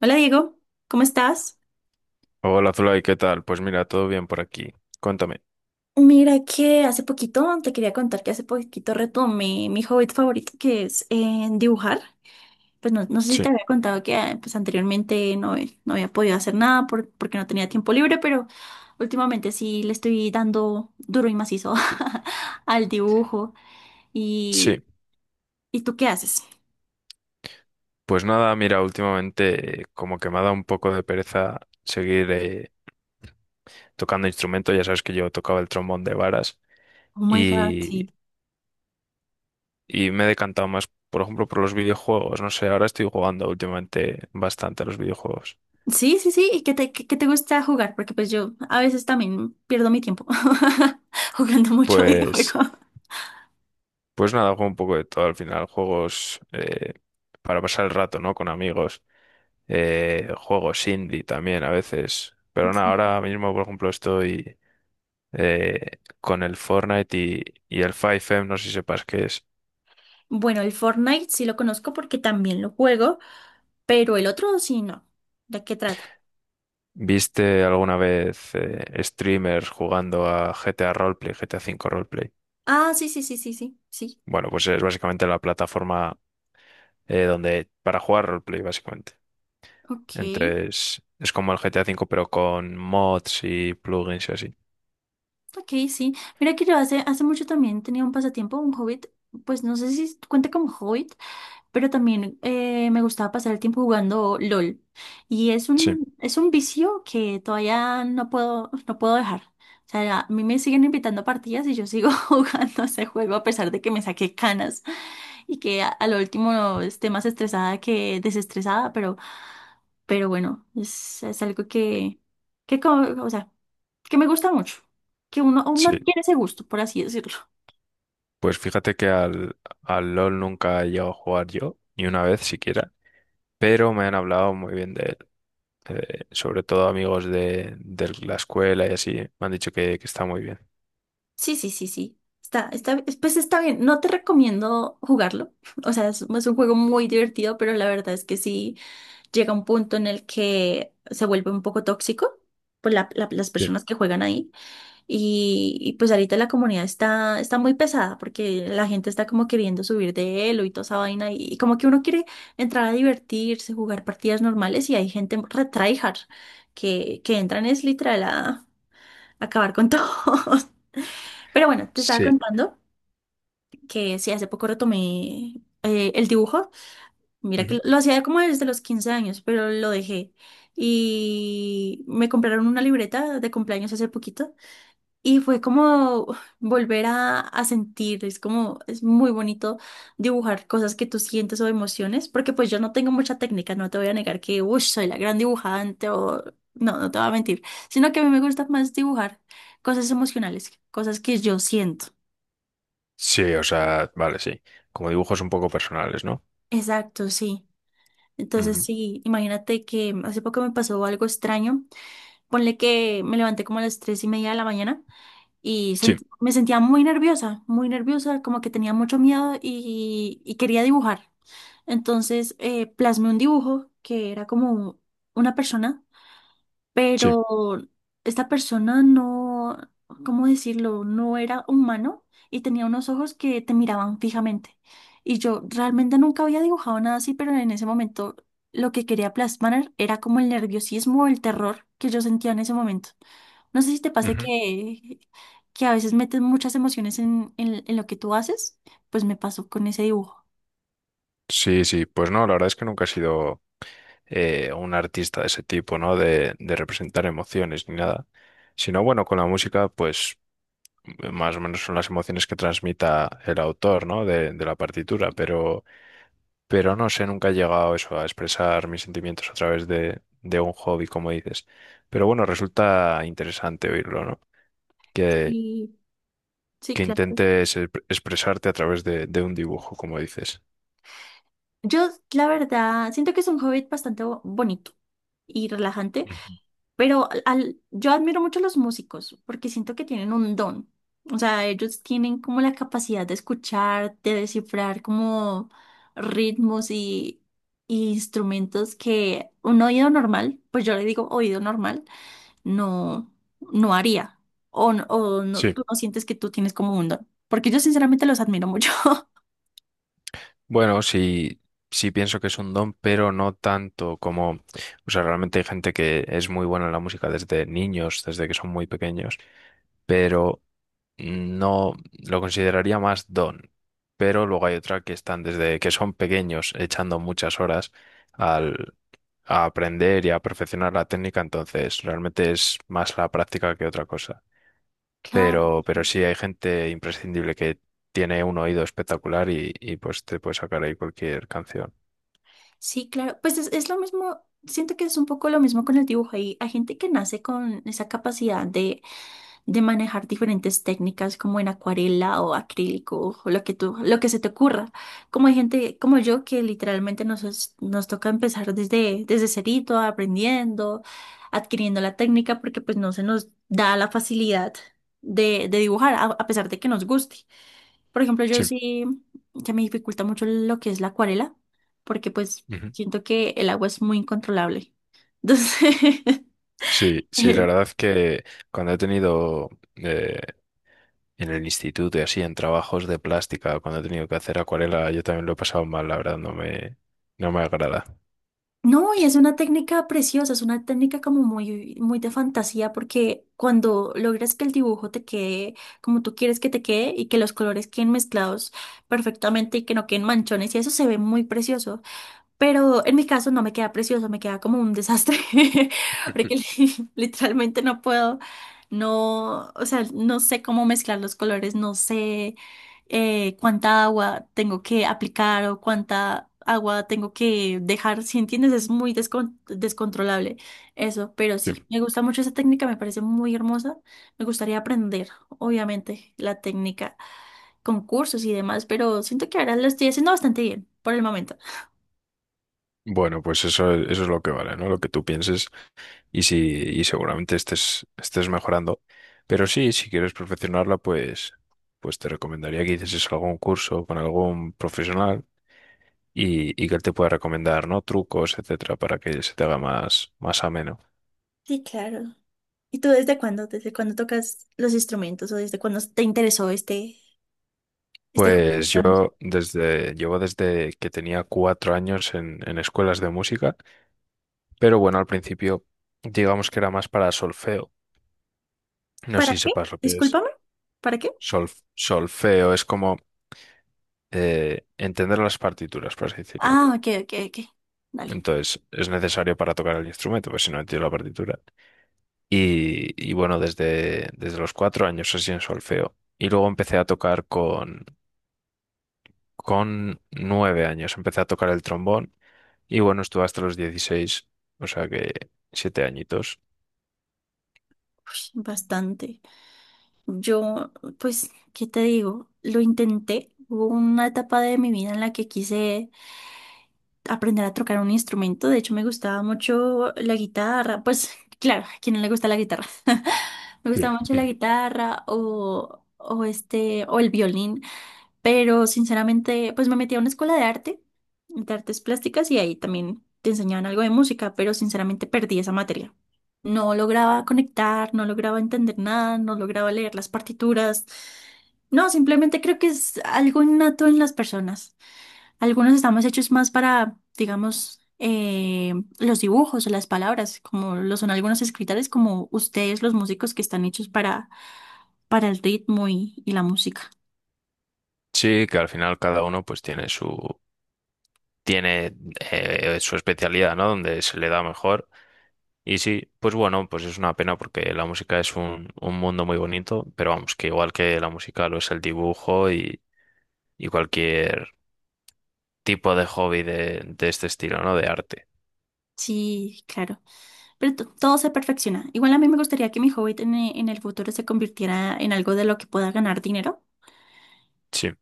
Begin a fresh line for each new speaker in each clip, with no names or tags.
Hola Diego, ¿cómo estás?
Hola Zulay, ¿qué tal? Pues mira, todo bien por aquí. Cuéntame.
Mira que hace poquito te quería contar que hace poquito retomé mi hobby favorito que es dibujar. Pues no, no sé si te
Sí,
había contado que pues, anteriormente no, no había podido hacer nada porque no tenía tiempo libre, pero últimamente sí le estoy dando duro y macizo al dibujo. ¿Y,
sí.
¿y tú qué haces?
Pues nada, mira, últimamente como que me ha dado un poco de pereza seguir tocando instrumentos. Ya sabes que yo tocaba el trombón de varas
Oh my God,
y,
sí.
y me he decantado más, por ejemplo, por los videojuegos. No sé, ahora estoy jugando últimamente bastante a los videojuegos.
Sí, sí, sí. ¿Y qué te gusta jugar? Porque pues yo a veces también pierdo mi tiempo jugando mucho videojuego.
Pues, pues nada, juego un poco de todo al final. Juegos para pasar el rato, ¿no? Con amigos. Juegos indie también a veces. Pero nada,
Sí.
ahora mismo, por ejemplo, estoy con el Fortnite y el 5M, no sé si sepas qué es.
Bueno, el Fortnite sí lo conozco porque también lo juego, pero el otro sí no. ¿De qué trata?
¿Viste alguna vez streamers jugando a GTA Roleplay, GTA V Roleplay?
Ah, sí, sí, sí, sí, sí, sí.
Bueno, pues es básicamente la plataforma donde para jugar roleplay, básicamente.
Ok,
Entonces, es como el GTA V, pero con mods y plugins y así.
ok, sí. Mira que yo hace mucho también tenía un pasatiempo, un hobbit, pues no sé si cuenta como hobbit, pero también me gustaba pasar el tiempo jugando LOL. Y es
Sí,
un, es un vicio que todavía no puedo, no puedo dejar. O sea, a mí me siguen invitando a partidas y yo sigo jugando ese juego a pesar de que me saqué canas y que a lo último esté más estresada que desestresada, pero bueno, es algo que, que o sea, que me gusta mucho, que uno
sí.
tiene ese gusto, por así decirlo.
Pues fíjate que al LOL nunca he llegado a jugar yo, ni una vez siquiera. Pero me han hablado muy bien de él, sobre todo amigos de la escuela y así, me han dicho que está muy bien.
Sí, sí, sí, sí. Está, pues está bien. No te recomiendo jugarlo. O sea, es un juego muy divertido, pero la verdad es que sí llega un punto en el que se vuelve un poco tóxico por las
Sí.
personas que juegan ahí. Y pues ahorita la comunidad está muy pesada porque la gente está como queriendo subir de elo y toda esa vaina. Y como que uno quiere entrar a divertirse, jugar partidas normales y hay gente re tryhard que entran es literal a acabar con todo. Pero bueno, te estaba
Sí.
contando que sí, hace poco retomé el dibujo. Mira
Ujú.
que lo hacía como desde los 15 años, pero lo dejé. Y me compraron una libreta de cumpleaños hace poquito y fue como volver a sentir, es como, es muy bonito dibujar cosas que tú sientes o emociones, porque pues yo no tengo mucha técnica, no te voy a negar que, uy, soy la gran dibujante o, no, no te voy a mentir, sino que a mí me gusta más dibujar cosas emocionales, cosas que yo siento.
Sí, o sea, vale, sí. Como dibujos un poco personales, ¿no?
Exacto, sí. Entonces
Ujú.
sí, imagínate que hace poco me pasó algo extraño, ponle que me levanté como a las 3:30 de la mañana. Y
Sí,
me sentía muy nerviosa, como que tenía mucho miedo y quería dibujar. Entonces plasmé un dibujo que era como una persona,
sí.
pero esta persona no, ¿cómo decirlo? No era humano y tenía unos ojos que te miraban fijamente. Y yo realmente nunca había dibujado nada así, pero en ese momento lo que quería plasmar era como el nerviosismo, el terror que yo sentía en ese momento. No sé si te pase
Ujú.
que, a veces metes muchas emociones en lo que tú haces, pues me pasó con ese dibujo.
Sí, sí. Pues no, la verdad es que nunca he sido un artista de ese tipo, ¿no? De representar emociones ni nada. Sino, bueno, con la música, pues más o menos son las emociones que transmita el autor, ¿no? De la partitura, pero... Pero no sé, nunca he llegado a eso, a expresar mis sentimientos a través de un hobby, como dices. Pero bueno, resulta interesante oírlo, ¿no? Que,
Y sí,
que
claro.
intentes expresarte a través de un dibujo, como dices.
Yo, la verdad, siento que es un hobby bastante bonito y relajante.
Ujú.
Pero yo admiro mucho a los músicos porque siento que tienen un don. O sea, ellos tienen como la capacidad de escuchar, de descifrar como ritmos y instrumentos que un oído normal, pues yo le digo oído normal, no, no haría. O, o no, tú
Sí.
no sientes que tú tienes como un don. Porque yo sinceramente los admiro mucho.
Bueno, sí, sí pienso que es un don, pero no tanto como... O sea, realmente hay gente que es muy buena en la música desde niños, desde que son muy pequeños, pero... No lo consideraría más don, pero luego hay otra que están desde que son pequeños echando muchas horas al, a aprender y a perfeccionar la técnica, entonces realmente es más la práctica que otra cosa.
Claro.
Pero sí hay gente imprescindible que tiene un oído espectacular y pues te puede sacar ahí cualquier canción.
Sí, claro. Pues es lo mismo, siento que es un poco lo mismo con el dibujo. Hay gente que nace con esa capacidad de manejar diferentes técnicas como en acuarela o acrílico o lo que se te ocurra. Como hay gente como yo que literalmente nos toca empezar desde cerito, aprendiendo, adquiriendo la técnica porque pues no se nos da la facilidad de dibujar a pesar de que nos guste. Por ejemplo, yo
Sí,
sí que me dificulta mucho lo que es la acuarela porque pues
ujú.
siento que el agua es muy incontrolable. Entonces...
Sí, sí, la verdad es que cuando he tenido eh, En el instituto y así, en trabajos de plástica, cuando he tenido que hacer acuarela, yo también lo he pasado mal, la verdad, no me agrada.
No, y es una técnica preciosa, es una técnica como muy, muy de fantasía, porque cuando logras que el dibujo te quede como tú quieres que te quede y que los colores queden mezclados perfectamente y que no queden manchones, y eso se ve muy precioso. Pero en mi caso no me queda precioso, me queda como un desastre. Porque literalmente no puedo, no, o sea, no sé cómo mezclar los colores, no sé cuánta agua tengo que aplicar o cuánta agua tengo que dejar, si entiendes, es muy descontrolable eso, pero
Sí.
sí, me gusta mucho esa técnica, me parece muy hermosa, me gustaría aprender, obviamente, la técnica, concursos y demás, pero siento que ahora lo estoy haciendo bastante bien por el momento.
Bueno, pues eso es lo que vale, ¿no? Lo que tú pienses y si, y seguramente estés mejorando. Pero sí, si quieres perfeccionarla, pues te recomendaría que hicieses algún curso con algún profesional y que él te pueda recomendar, ¿no? Trucos, etcétera, para que se te haga más ameno.
Sí, claro. ¿Y tú desde cuándo? ¿Desde cuándo tocas los instrumentos o desde cuándo te interesó este hobby,
Pues
digamos?
yo llevo desde que tenía 4 años en escuelas de música, pero bueno, al principio digamos que era más para solfeo. No
¿Para
sé si
qué?
sepas lo que es.
Discúlpame. ¿Para qué?
Solfeo es como entender las partituras, por así decirlo.
Ah, ok, ok, ok. Dale.
Entonces es necesario para tocar el instrumento, pues si no entiendo la partitura. Y bueno, desde los 4 años así en solfeo. Y luego empecé a tocar con 9 años, empecé a tocar el trombón. Y bueno, estuve hasta los 16, o sea que 7 añitos.
Uy, bastante. Yo, pues, ¿qué te digo? Lo intenté. Hubo una etapa de mi vida en la que quise aprender a tocar un instrumento. De hecho, me gustaba mucho la guitarra. Pues, claro, ¿a quién no le gusta la guitarra? Me
Sí.
gustaba mucho la
Mm.
guitarra o este, o el violín. Pero sinceramente, pues me metí a una escuela de arte, de artes plásticas, y ahí también te enseñaban algo de música, pero sinceramente perdí esa materia. No lograba conectar, no lograba entender nada, no lograba leer las partituras. No, simplemente creo que es algo innato en las personas. Algunos estamos hechos más para, digamos, los dibujos o las palabras, como lo son algunos escritores, como ustedes, los músicos que están hechos para el ritmo y la música.
Sí, que al final cada uno pues tiene su especialidad, ¿no? Donde se le da mejor. Y sí, pues bueno, pues es una pena porque la música es un mundo muy bonito, pero vamos, que igual que la música lo es el dibujo y cualquier tipo de hobby de este estilo, ¿no? De arte.
Sí, claro. Pero todo se perfecciona. Igual a mí me gustaría que mi hobby en el futuro se convirtiera en algo de lo que pueda ganar dinero,
Sí.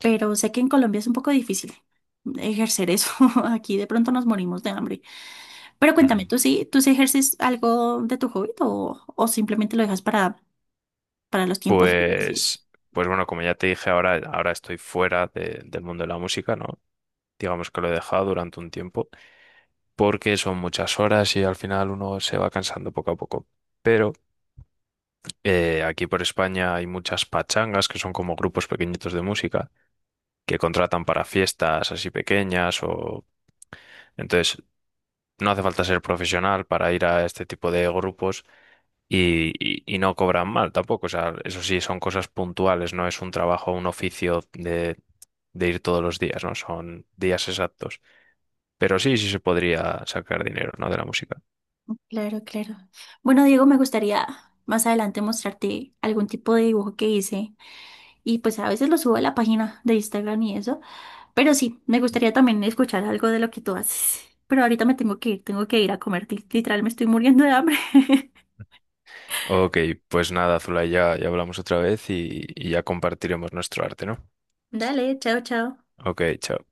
pero sé que en Colombia es un poco difícil ejercer eso. Aquí de pronto nos morimos de hambre. Pero cuéntame,
Ujú.
¿tú sí ejerces algo de tu hobby o simplemente lo dejas para los tiempos libres y eso?
Pues, pues bueno, como ya te dije, ahora estoy fuera del mundo de la música, ¿no? Digamos que lo he dejado durante un tiempo, porque son muchas horas y al final uno se va cansando poco a poco. Pero aquí por España hay muchas pachangas, que son como grupos pequeñitos de música, que contratan para fiestas así pequeñas o... Entonces, no hace falta ser profesional para ir a este tipo de grupos y no cobran mal tampoco. O sea, eso sí, son cosas puntuales, no es un trabajo, un oficio de ir todos los días, ¿no? Son días exactos. Pero sí, sí se podría sacar dinero, ¿no? De la música.
Claro, claro. Bueno, Diego, me gustaría más adelante mostrarte algún tipo de dibujo que hice y pues a veces lo subo a la página de Instagram y eso. Pero sí, me gustaría también escuchar algo de lo que tú haces. Pero ahorita me tengo que ir a comer. Literal, me estoy muriendo de hambre.
Ok, pues nada, Zulay, ya hablamos otra vez y ya compartiremos nuestro arte, ¿no?
Dale, chao, chao.
Ok, chao.